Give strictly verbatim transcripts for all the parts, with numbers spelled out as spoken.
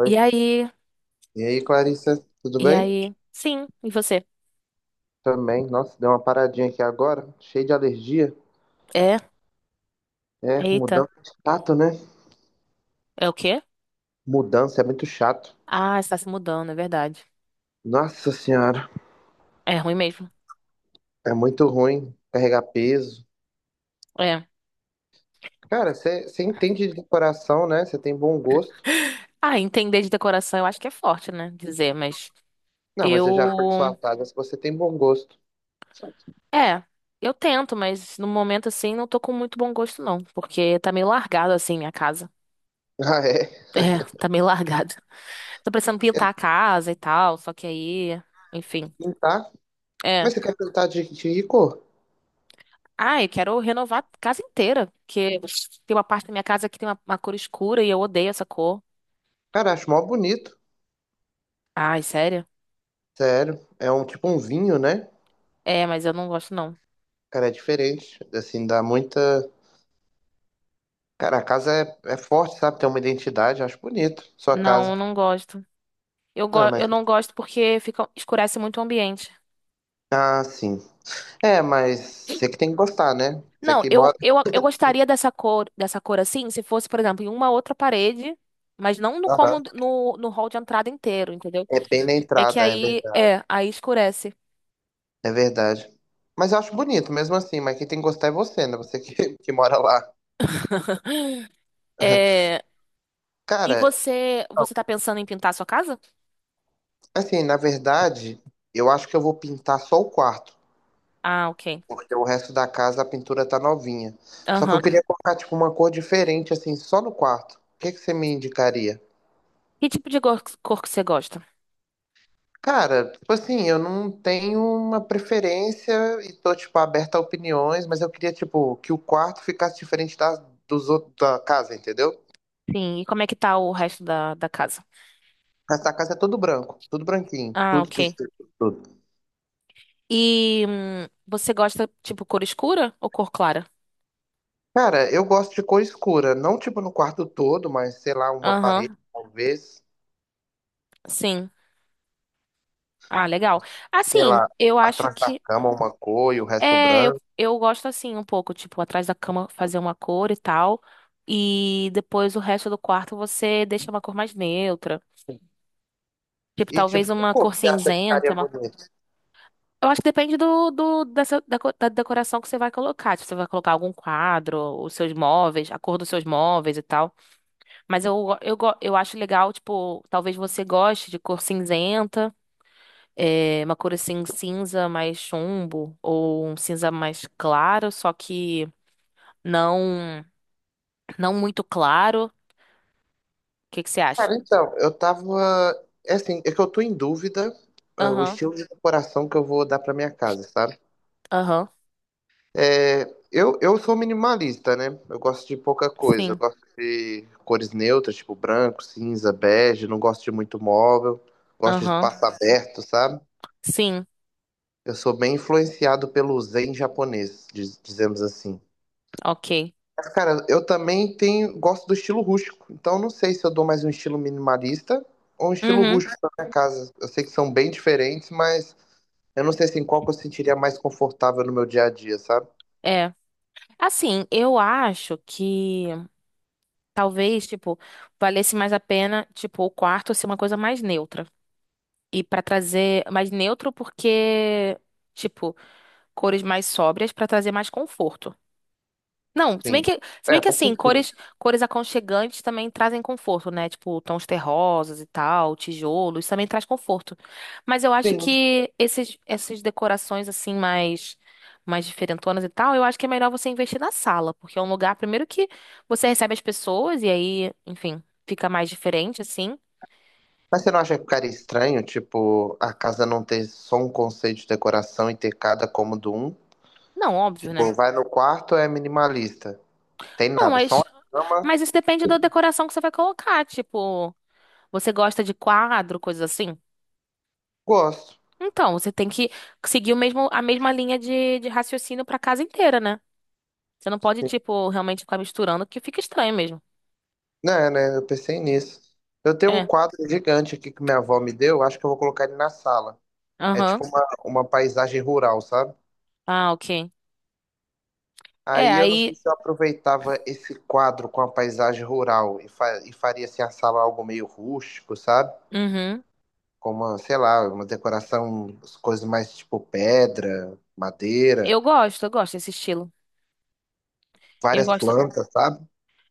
Oi. E aí? E aí, Clarissa, tudo E bem? aí? Sim, e você? Também, nossa, deu uma paradinha aqui agora, cheio de alergia. É? É, Eita. mudança é chato, né? É o quê? Mudança é muito chato. Ah, está se mudando, é verdade. Nossa senhora, É ruim mesmo. é muito ruim carregar peso. É. Cara, você entende de decoração, né? Você tem bom gosto. Ah, entender de decoração eu acho que é forte, né? Dizer, mas Não, mas eu já fui sua eu. praga se você tem bom gosto. É, eu tento, mas no momento assim não tô com muito bom gosto, não. Porque tá meio largado assim minha casa. Ah, é? É, tá meio largado. Tô precisando pintar a casa e tal, só que aí. Enfim. Pintar? É. Mas você quer pintar de, de que cor? Ah, eu quero renovar a casa inteira, porque tem uma parte da minha casa que tem uma, uma cor escura e eu odeio essa cor. Cara, acho mó bonito. Ai, sério? Sério, é um tipo um vinho, né? É, mas eu não gosto, não. Cara, é diferente. Assim, dá muita. Cara, a casa é, é forte, sabe? Tem uma identidade, acho bonito. Sua Não, casa. eu não gosto. Eu, go Não, é, mas... eu não gosto porque fica, escurece muito o ambiente. Ah, sim. É, mas você que tem que gostar, né? Você Não, que mora. eu, eu, eu gostaria dessa cor, dessa cor assim, se fosse, por exemplo, em uma outra parede, mas não no como Aham. no, no hall de entrada inteiro, entendeu? É bem na É que entrada, é aí, verdade. é, aí escurece. É verdade. Mas eu acho bonito mesmo assim, mas quem tem que gostar é você, né? Você que, que mora lá. É, e Cara, você, você tá pensando em pintar a sua casa? assim, na verdade, eu acho que eu vou pintar só o quarto. Ah, ok. Porque o resto da casa a pintura tá novinha. Só que eu Aham. queria colocar, tipo, uma cor diferente, assim, só no quarto. O que que você me indicaria? Que tipo de gor- cor que você gosta? Cara, tipo assim, eu não tenho uma preferência e tô, tipo, aberta a opiniões, mas eu queria, tipo, que o quarto ficasse diferente da, dos outros, da casa, entendeu? Sim, e como é que tá o resto da, da casa? Essa casa é tudo branco, tudo branquinho, Ah, tudo, tudo, ok. tudo. tudo. E hum, você gosta, tipo, cor escura ou cor clara? Cara, eu gosto de cor escura, não, tipo, no quarto todo, mas, sei lá, uma parede, Aham, talvez, sim. Ah, legal. sei Assim, lá, eu acho atrás da que. cama uma cor e o resto É, eu, branco. eu gosto assim um pouco, tipo, atrás da cama fazer uma cor e tal. E depois o resto do quarto você deixa uma cor mais neutra. Tipo, E, tipo, talvez que uma cor cor que você acha que cinzenta, ficaria uma. bonito? Eu acho que depende do, do- dessa, da, co- da decoração que você vai colocar. Se você vai colocar algum quadro, os seus móveis, a cor dos seus móveis e tal. Mas eu, go- eu, go- eu acho legal, tipo, talvez você goste de cor cinzenta, é, uma cor assim cinza mais chumbo, ou um cinza mais claro, só que não, não muito claro. O que que você acha? Cara, então, eu tava. É assim, é que eu tô em dúvida é, o Aham, estilo de decoração que eu vou dar pra minha casa, sabe? aham, É, eu, eu sou minimalista, né? Eu gosto de pouca coisa. Eu sim, gosto de cores neutras, tipo branco, cinza, bege. Não gosto de muito móvel. Gosto de aham, espaço aberto, sabe? sim, Eu sou bem influenciado pelo zen japonês, diz- dizemos assim. ok. Mas, cara, eu também tenho, gosto do estilo rústico. Então, eu não sei se eu dou mais um estilo minimalista ou um estilo Uhum, rústico pra minha casa. Eu sei que são bem diferentes, mas eu não sei assim, qual que eu sentiria mais confortável no meu dia a dia, sabe? é. Assim, eu acho que. Talvez, tipo, valesse mais a pena, tipo, o quarto ser uma coisa mais neutra. E pra trazer mais neutro porque, tipo, cores mais sóbrias pra trazer mais conforto. Não, se bem Sim. que, se bem É, que faz assim, sentido. cores, cores aconchegantes também trazem conforto, né? Tipo, tons terrosos e tal, tijolo, isso também traz conforto. Mas eu acho Sim. que esses, essas decorações assim mais mais diferentonas e tal, eu acho que é melhor você investir na sala, porque é um lugar primeiro que você recebe as pessoas e aí, enfim, fica mais diferente assim. Mas você não acha que ficaria estranho, tipo, a casa não ter só um conceito de decoração e ter cada cômodo um? Não, óbvio, né? Tipo, vai no quarto, é minimalista. Tem Não, nada, só mas uma cama. mas isso depende da decoração que você vai colocar, tipo, você gosta de quadro, coisas assim? Gosto. Então, você tem que seguir o mesmo, a mesma linha de, de raciocínio pra casa inteira, né? Você não pode, tipo, realmente ficar misturando, que fica estranho mesmo. Né, né? Eu pensei nisso. Eu tenho um É. quadro gigante aqui que minha avó me deu, acho que eu vou colocar ele na sala. É Aham. tipo uma, uma paisagem rural, sabe? Ah, ok. É, Aí eu não sei aí. se eu aproveitava esse quadro com a paisagem rural e, fa e faria assim a sala algo meio rústico, sabe? Uhum. Com uma, sei lá, uma decoração, as coisas mais tipo pedra, madeira, Eu gosto, eu gosto desse estilo. Eu várias gosto. plantas, sabe?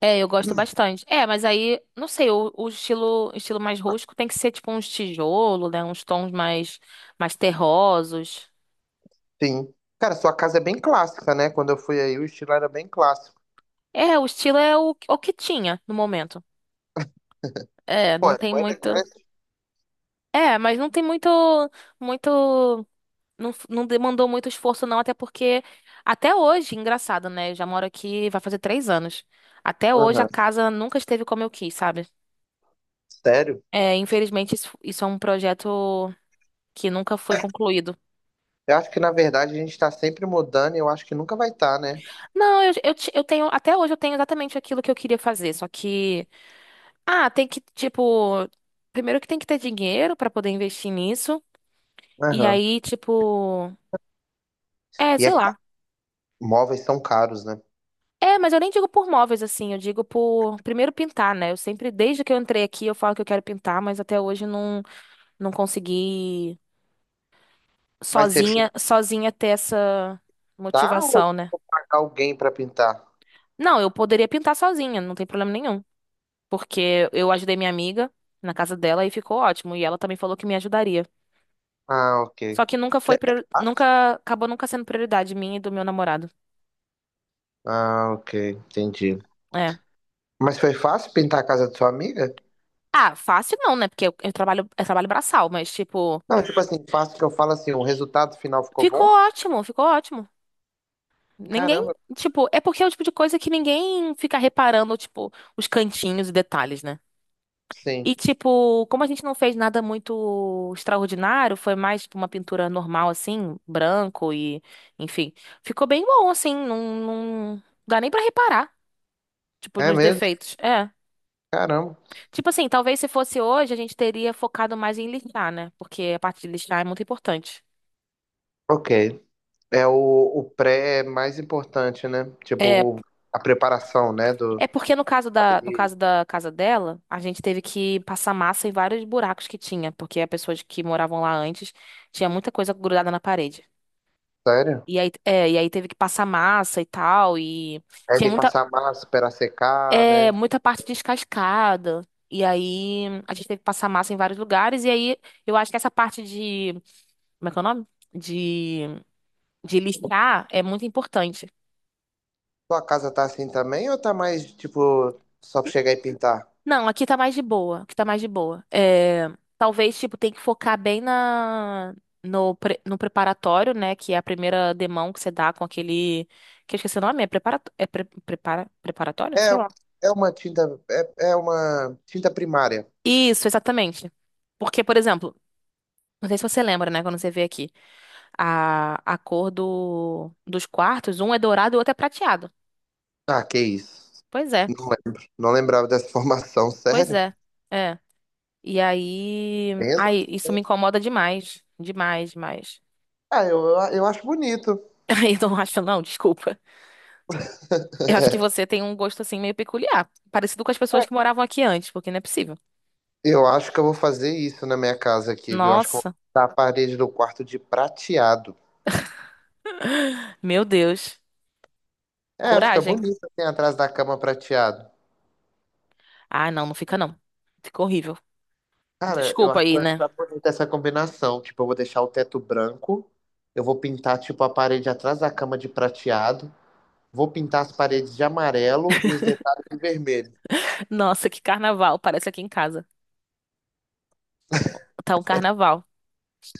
É, eu gosto Hum. bastante. É, mas aí, não sei, o, o estilo, estilo mais rústico tem que ser, tipo, uns tijolo, né? Uns tons mais, mais terrosos. Sim. Cara, sua casa é bem clássica, né? Quando eu fui aí, o estilo era bem clássico. É, o estilo é o, o que tinha no momento. É, Pô, não é tem muito. elegante. É, mas não tem muito, muito. Não, f- não demandou muito esforço, não, até porque até hoje, engraçado, né? Eu já moro aqui, vai fazer três anos. Até hoje a Aham. casa nunca esteve como eu quis, sabe? Sério? É, infelizmente, isso, isso é um projeto que nunca foi concluído. Eu acho que, na verdade, a gente está sempre mudando e eu acho que nunca vai estar, né? Não, eu, eu, ti- eu tenho, até hoje eu tenho exatamente aquilo que eu queria fazer, só que, ah, tem que, tipo, primeiro que tem que ter dinheiro pra poder investir nisso, e Aham. aí, tipo, é, E é, sei ca- lá. móveis são caros, né? É, mas eu nem digo por móveis assim, eu digo por primeiro pintar, né? Eu sempre, desde que eu entrei aqui, eu falo que eu quero pintar, mas até hoje não não consegui Mas você sozinha, sozinha ter essa pintar ou eu motivação, né? vou pagar alguém para pintar? Não, eu poderia pintar sozinha, não tem problema nenhum, porque eu ajudei minha amiga na casa dela e ficou ótimo, e ela também falou que me ajudaria. Ah, ok. Só que nunca É foi, é prior- fácil? nunca acabou nunca sendo prioridade minha e do meu namorado. Ah, ok, entendi. É. Mas foi fácil pintar a casa de sua amiga? Ah, fácil não, né? Porque eu, eu trabalho, eu trabalho braçal, mas tipo, Não, tipo assim, fácil que eu falo assim, o resultado final ficou ficou bom? ótimo, ficou ótimo. Ninguém, Caramba, tipo, é porque é o tipo de coisa que ninguém fica reparando, tipo, os cantinhos e detalhes, né? sim. E, tipo, como a gente não fez nada muito extraordinário, foi mais, tipo, uma pintura normal, assim, branco e, enfim. Ficou bem bom, assim, não, não dá nem pra reparar, tipo, É nos mesmo? defeitos. É. Caramba. Tipo assim, talvez se fosse hoje, a gente teria focado mais em lixar, né? Porque a parte de lixar é muito importante. Ok. É o, o pré é mais importante, né? É. Tipo, o- a preparação, né? Do... É porque no caso da, no caso da casa dela, a gente teve que passar massa em vários buracos que tinha, porque as pessoas que moravam lá antes tinha muita coisa grudada na parede. Sério? E aí, é, e aí teve que passar massa e tal, e É tinha de muita, passar massa para secar, é, né? muita parte descascada. E aí a gente teve que passar massa em vários lugares, e aí eu acho que essa parte de, como é que é o nome? De, de lixar é muito importante. Tua casa tá assim também ou tá mais, tipo, só pra chegar e pintar? Não, aqui tá mais de boa. Aqui tá mais de boa. É, talvez, tipo, tem que focar bem na, no, pre- no preparatório, né? Que é a primeira demão que você dá com aquele. Que eu esqueci o nome, é, preparato... é pre- prepara... preparatório? É, Sei lá. é uma tinta, é, é uma tinta primária. Isso, exatamente. Porque, por exemplo, não sei se você lembra, né? Quando você vê aqui, a, a cor do... dos quartos, um é dourado e o outro é prateado. Ah, que isso. Pois é, Não lembro. Não lembrava dessa formação, pois sério? é. É. E aí. Pensa. Ai, isso me incomoda demais. Demais, demais. Ah, eu, eu, eu acho bonito. Eu não acho, não, desculpa. Eu acho que você tem um gosto assim meio peculiar, parecido com as pessoas que moravam aqui antes, porque não é possível. Eu acho que eu vou fazer isso na minha casa aqui, viu? Eu acho que eu vou Nossa, pintar a parede do quarto de prateado. meu Deus. É, fica Coragem. bonito assim atrás da cama prateado. Ah, não, não fica não. Fica horrível. Cara, eu Desculpa acho que aí, vai né? ficar bonita essa combinação. Tipo, eu vou deixar o teto branco, eu vou pintar, tipo, a parede atrás da cama de prateado, vou pintar as paredes de amarelo e os detalhes de vermelho. Nossa, que carnaval, parece aqui em casa. Tá um carnaval.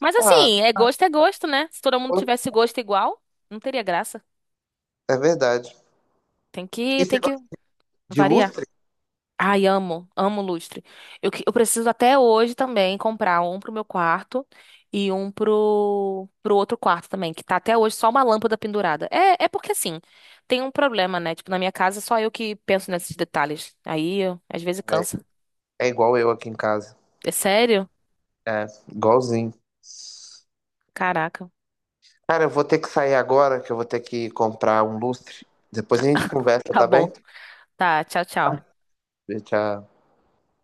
Mas Ah, assim, é gosto é gosto, né? Se todo mundo pô, tivesse gosto igual, não teria graça. é verdade. Tem que, E tem você que gosta de variar. lustre? Ai, amo, amo lustre. Eu, que- eu preciso até hoje também comprar um pro meu quarto e um pro, pro outro quarto também, que tá até hoje só uma lâmpada pendurada. É, é porque assim, tem um problema, né? Tipo, na minha casa só eu que penso nesses detalhes. Aí, eu- às vezes Velho? cansa. É igual eu aqui em casa. É sério? É, igualzinho. Caraca. Cara, eu vou ter que sair agora, que eu vou ter que comprar um lustre. Depois a gente conversa, Tá tá bem? bom. Tá, tchau, Tá. tchau. Tchau.